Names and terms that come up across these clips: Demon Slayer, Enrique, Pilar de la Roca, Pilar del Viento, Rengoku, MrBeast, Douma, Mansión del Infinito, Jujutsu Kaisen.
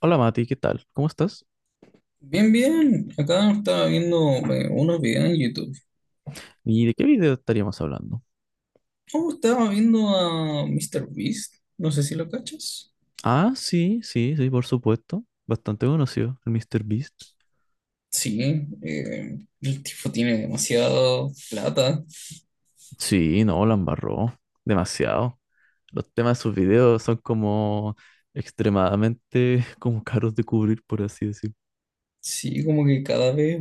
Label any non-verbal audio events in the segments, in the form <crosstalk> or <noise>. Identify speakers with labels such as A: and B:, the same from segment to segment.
A: Hola Mati, ¿qué tal? ¿Cómo estás?
B: Bien, bien. Acá estaba viendo unos videos en YouTube.
A: ¿Y de qué video estaríamos hablando?
B: Oh, estaba viendo a Mr. Beast. No sé si lo cachas.
A: Ah, sí, sí, sí, por supuesto. Bastante conocido, el Mr. Beast.
B: Sí, el tipo tiene demasiada plata.
A: Sí, no, la embarró. Demasiado. Los temas de sus videos son como extremadamente <laughs> como caros de cubrir, por así decir.
B: Sí, como que cada vez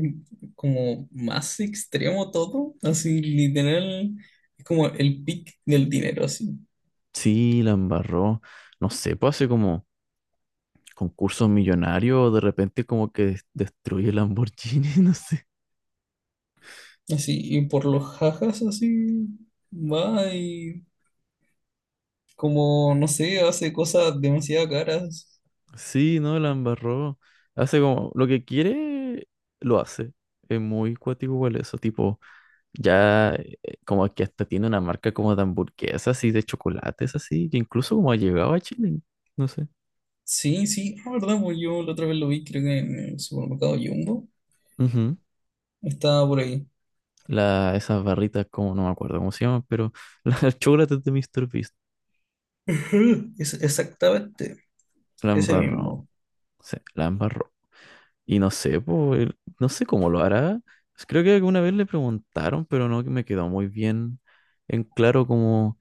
B: como más extremo todo. Así, literal, es como el pic del dinero, así.
A: Sí, la embarró. No sé, pues hace como concursos millonarios, de repente como que destruye Lamborghini, <laughs> no sé.
B: Así, y por los jajas, así, va y como, no sé, hace cosas demasiado caras.
A: Sí, no, la embarró. Hace como lo que quiere, lo hace. Es muy cuático igual eso, tipo, ya como que hasta tiene una marca como de hamburguesas y de chocolates así, que incluso como ha llegado a Chile, no sé.
B: Sí, sí, la verdad, pues yo la otra vez lo vi, creo que en el supermercado Jumbo.
A: Ujú.
B: Estaba por ahí.
A: La, esas barritas, como no me acuerdo cómo se llaman, pero <laughs> las chocolates de Mister Beast.
B: Ujú. Es exactamente,
A: La
B: ese
A: embarró,
B: mismo.
A: sí, la embarró. Y no sé, pues, no sé cómo lo hará. Creo que alguna vez le preguntaron, pero no que me quedó muy bien en claro como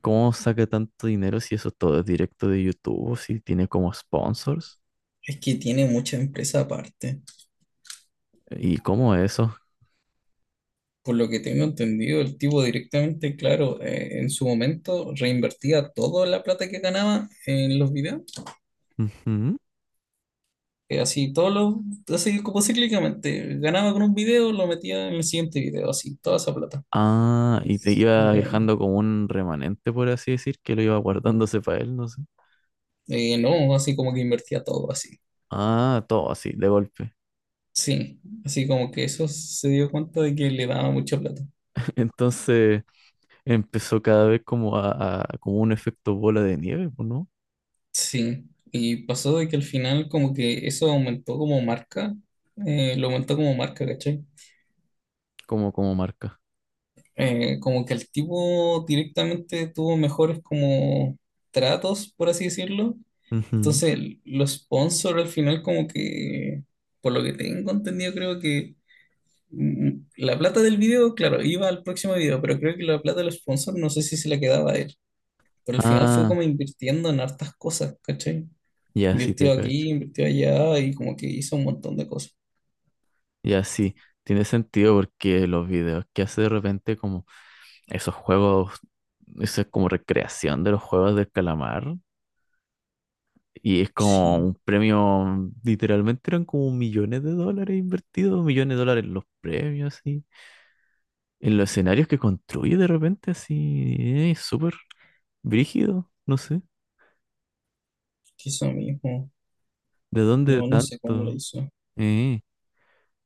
A: ¿cómo saca tanto dinero si eso todo es directo de YouTube? Si tiene como sponsors.
B: Es que tiene mucha empresa aparte.
A: ¿Y cómo es eso?
B: Por lo que tengo entendido, el tipo directamente, claro, en su momento reinvertía toda la plata que ganaba en los videos.
A: Ujú.
B: Así, todos los, así como cíclicamente. Ganaba con un video, lo metía en el siguiente video, así, toda esa plata.
A: Ah, y te iba
B: Eh,
A: dejando como un remanente, por así decir, que lo iba guardándose para él, no sé.
B: no, así como que invertía todo así.
A: Ah, todo así, de golpe.
B: Sí, así como que eso se dio cuenta de que le daba mucha plata.
A: <laughs> Entonces empezó cada vez como a, como un efecto bola de nieve, pues, ¿no?
B: Sí, y pasó de que al final como que eso aumentó como marca, lo aumentó como marca, ¿cachai?
A: Como, como marca.
B: Como que el tipo directamente tuvo mejores como tratos, por así decirlo.
A: Ujú.
B: Entonces los sponsors al final como que, por lo que tengo entendido, creo que la plata del video, claro, iba al próximo video, pero creo que la plata de los sponsors no sé si se la quedaba a él. Pero al final fue
A: Ah,
B: como invirtiendo en hartas cosas, ¿cachai?
A: ya sí te
B: Invirtió
A: cacho.
B: aquí, invirtió allá y como que hizo un montón de cosas.
A: Y así, tiene sentido porque los videos que hace de repente como esos juegos, eso es como recreación de los juegos del calamar. Y es como
B: Sí,
A: un premio, literalmente eran como millones de dólares invertidos, millones de dólares en los premios, así. En los escenarios que construye de repente, así, súper brígido, no sé,
B: hizo mismo.
A: ¿de dónde
B: No, no sé cómo lo
A: tanto?
B: hizo.
A: Eh,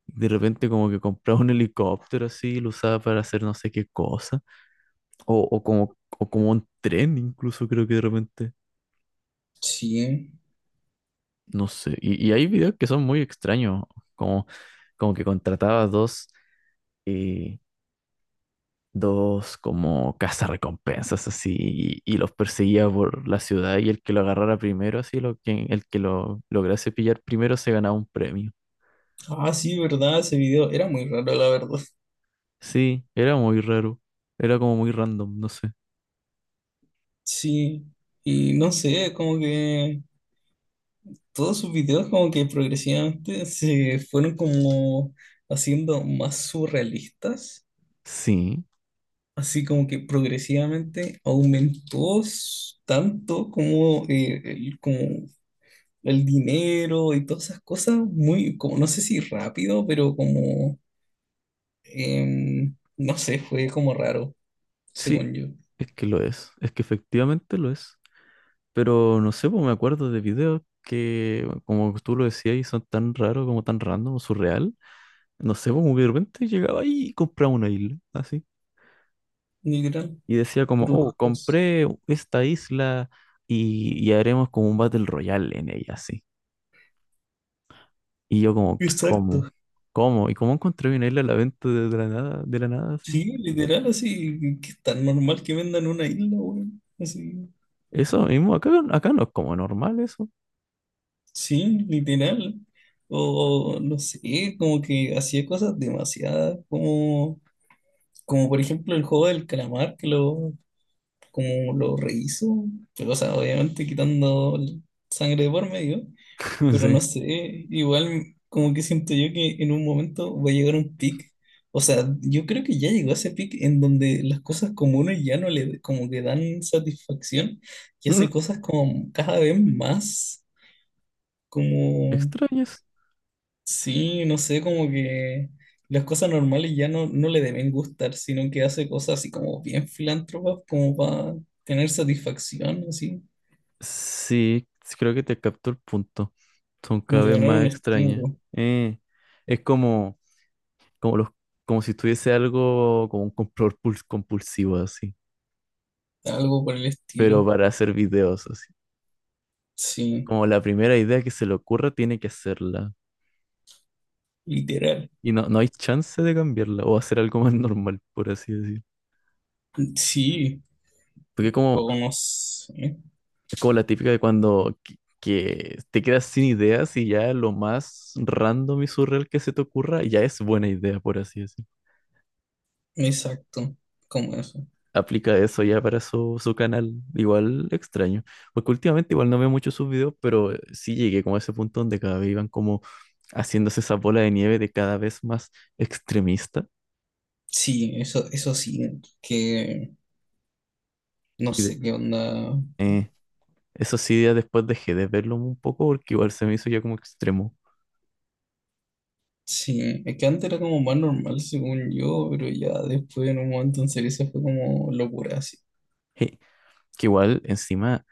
A: de repente como que compraba un helicóptero así, y lo usaba para hacer no sé qué cosa. O como un tren, incluso creo que de repente.
B: Sí.
A: No sé. Y hay videos que son muy extraños. Como, como que contrataba dos, eh, dos como cazarrecompensas así y los perseguía por la ciudad y el que lo agarrara primero, así lo que, el que lo lograse pillar primero se ganaba un premio.
B: Ah, sí, verdad, ese video era muy raro, la verdad.
A: Sí, era muy raro. Era como muy random, no sé.
B: Sí. Y no sé, como que todos sus videos como que progresivamente se fueron como haciendo más surrealistas.
A: Sí,
B: Así como que progresivamente aumentó tanto como, como el dinero y todas esas cosas muy, como no sé si rápido, pero como, no sé, fue como raro,
A: sí,
B: según yo,
A: es que lo es. Es que efectivamente lo es. Pero no sé, pues me acuerdo de videos que, como tú lo decías, y son tan raros, como tan random, surreal. No sé, pues, como que de repente llegaba ahí y compraba una isla, así.
B: literal,
A: Y decía como,
B: por los
A: oh,
B: ojos.
A: compré esta isla y haremos como un Battle Royale en ella, así. Y yo como, ¿qué, cómo?
B: Exacto.
A: ¿Cómo? ¿Y cómo encontré una isla a la venta de la nada, así?
B: Sí, literal, así, que es tan normal que vendan una isla, weón. Así,
A: Eso mismo, acá, acá no es como normal eso.
B: sí, literal. O no sé, como que hacía cosas demasiadas, como, como por ejemplo el juego del calamar, que lo, como lo rehizo. O sea, obviamente quitando sangre de por medio,
A: <laughs> No
B: pero
A: sé.
B: no sé, igual como que siento yo que en un momento va a llegar un pic. O sea, yo creo que ya llegó ese pic en donde las cosas comunes ya no le como que dan satisfacción y
A: Mm,
B: hace cosas como cada vez más, como,
A: extraño.
B: sí, no sé, como que las cosas normales ya no, no le deben gustar, sino que hace cosas así como bien filántropas, como para tener satisfacción, así.
A: Sí, sí creo que te capto el punto. Son
B: Como
A: cada
B: que
A: vez
B: ganar
A: más
B: un
A: extrañas.
B: estímulo,
A: Eh, es como, como, los, como si tuviese algo como un control compulsivo así,
B: algo por el
A: pero
B: estilo.
A: para hacer videos así.
B: Sí,
A: Como la primera idea que se le ocurra tiene que hacerla.
B: literal.
A: Y no, no hay chance de cambiarla o hacer algo <laughs> más normal, por así decir.
B: Sí,
A: Porque como,
B: o no sé.
A: es como la típica de cuando que te quedas sin ideas y ya lo más random y surreal que se te ocurra ya es buena idea, por así decir.
B: Exacto, como eso.
A: Aplica eso ya para su, su canal. Igual extraño. Porque últimamente igual no veo mucho sus videos, pero sí llegué como a ese punto donde cada vez iban como haciéndose esa bola de nieve de cada vez más extremista.
B: Sí, eso sí, que no
A: Y
B: sé qué onda.
A: eh, eso sí, ya después dejé de verlo un poco porque igual se me hizo ya como extremo.
B: Sí, es que antes era como más normal según yo, pero ya después en un momento en serio se fue como locura, así.
A: Eh, que igual encima,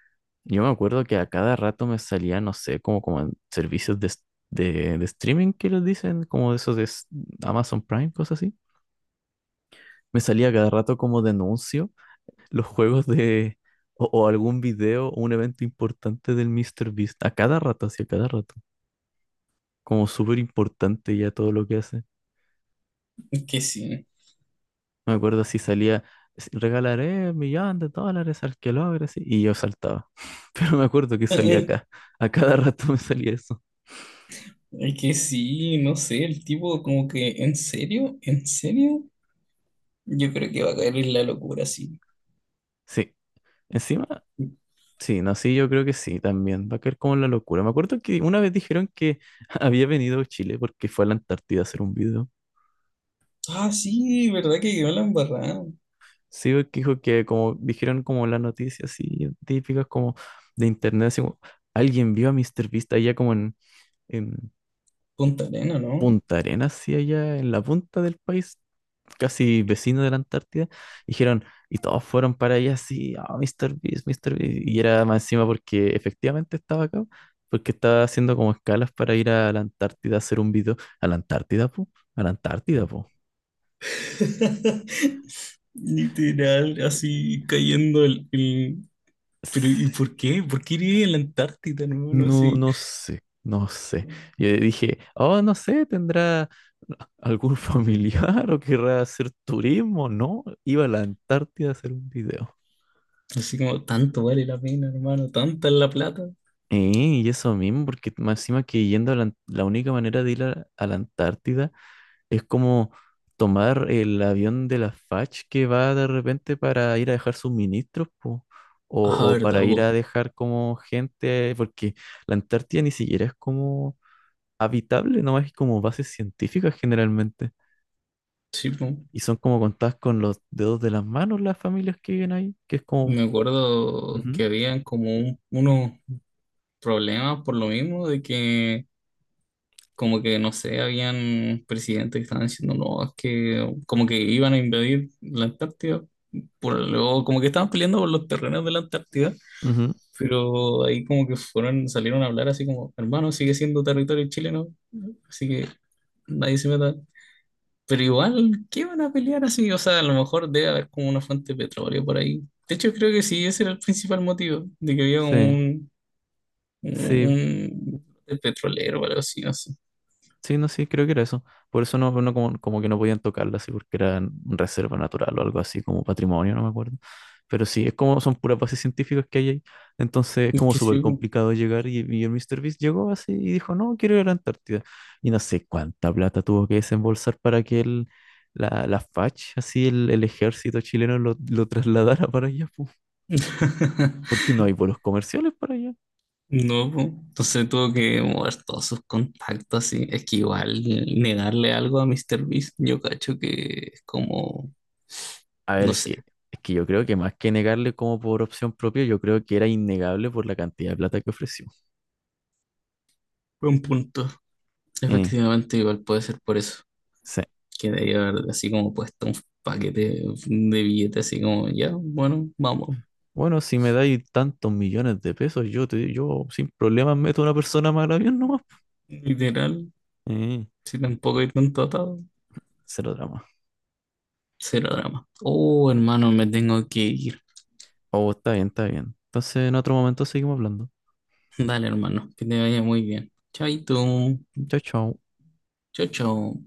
A: yo me acuerdo que a cada rato me salía, no sé, como, como en servicios de, de streaming que les dicen, como de esos de Amazon Prime, cosas así. Me salía cada rato como denuncio los juegos de o algún video o un evento importante del Mr. Beast a cada rato, así a cada rato. Como súper importante ya todo lo que hace.
B: Es que sí.
A: Me acuerdo si salía, regalaré $1.000.000 al que logre", así, y yo saltaba. <laughs> Pero me acuerdo que salía acá.
B: <laughs>
A: A cada rato me salía eso.
B: Es que sí, no sé, el tipo como que en serio, yo creo que va a caer en la locura, sí.
A: Sí. Encima, sí, no, sí, yo creo que sí también. Va a caer como en la locura. Me acuerdo que una vez dijeron que <laughs> había venido a Chile porque fue a la Antártida a hacer un video.
B: Ah, sí, verdad que quedó la embarrada.
A: Sí, porque dijo que como dijeron como las noticias así típicas como de internet, así como alguien vio a Mr. Beast allá como en
B: Punta Arena, ¿no?
A: Punta Arenas, sí allá en la punta del país, casi vecino de la Antártida, dijeron, y todos fueron para allá así, ah, Mr. Beast, Mr. Beast, y era más encima porque efectivamente estaba acá, porque estaba haciendo como escalas para ir a la Antártida a hacer un video, a la Antártida, po, a la Antártida,
B: <laughs> Literal, así cayendo el,
A: po.
B: pero, ¿y por qué? ¿Por qué iría a la Antártida, hermano?
A: No,
B: Así,
A: no sé, no sé. Yo dije, oh, no sé, ¿tendrá algún <laughs> familiar o querrá hacer turismo? No, iba a la Antártida a hacer un video.
B: así como tanto vale la pena, hermano, tanta es la plata.
A: Y eso mismo, porque más encima que yendo a la, la única manera de ir a la Antártida es como tomar el avión de la FACH que va de repente para ir a dejar suministros, po,
B: Ah,
A: o
B: verdad,
A: para ir
B: po.
A: a dejar como gente, porque la Antártida ni siquiera es como habitable, nomás es como bases científicas generalmente.
B: Sí, po.
A: Y son como contadas con los dedos de las manos las familias que viven ahí, que es como...
B: Me acuerdo que
A: Ujú,
B: habían como unos problemas por lo mismo de que, como que, no sé, habían presidentes que estaban diciendo, no, es que como que iban a invadir la Antártida por lo, como que estaban peleando por los terrenos de la Antártida,
A: ujú,
B: pero ahí como que fueron, salieron a hablar así como, hermano, sigue siendo territorio chileno, así que nadie se meta. Pero igual, ¿qué van a pelear así? O sea, a lo mejor debe haber como una fuente de petróleo por ahí. De hecho, creo que sí, ese era el principal motivo, de que había como
A: sí,
B: un,
A: sí,
B: un petrolero o algo así, no sé.
A: sí, no, sí, creo que era eso. Por eso no, no como, como que no podían tocarla así porque era reserva natural o algo así, como patrimonio, no me acuerdo. Pero sí, es como son puras bases científicas que hay ahí. Entonces es
B: Es
A: como
B: que
A: súper
B: sí, po.
A: complicado llegar y el Mister Beast llegó así y dijo, no, quiero ir a la Antártida. Y no sé cuánta plata tuvo que desembolsar para que el, la, la FACH, así el ejército chileno lo trasladara para allá, pu,
B: <laughs>
A: porque no hay vuelos comerciales para allá.
B: No, po. Entonces tuvo que mover todos sus contactos y es que igual negarle algo a Mr. Beast, yo cacho que es como,
A: A ver,
B: no sé,
A: es que yo creo que más que negarle como por opción propia, yo creo que era innegable por la cantidad de plata que ofreció.
B: buen punto.
A: Eh,
B: Efectivamente, igual puede ser por eso,
A: sí.
B: que debería haber así como puesto un paquete de billetes así como, ya, bueno, vamos,
A: Bueno, si me dais tantos millones de pesos, yo te, yo sin problemas meto a una persona más al avión nomás.
B: literal,
A: Eh,
B: si tampoco hay tanto atado,
A: cero drama.
B: cero drama. Oh, hermano, me tengo que ir.
A: Oh, está bien, está bien. Entonces, en otro momento seguimos hablando.
B: Dale, hermano, que te vaya muy bien. Chaito,
A: Chao, chao.
B: chao, chao.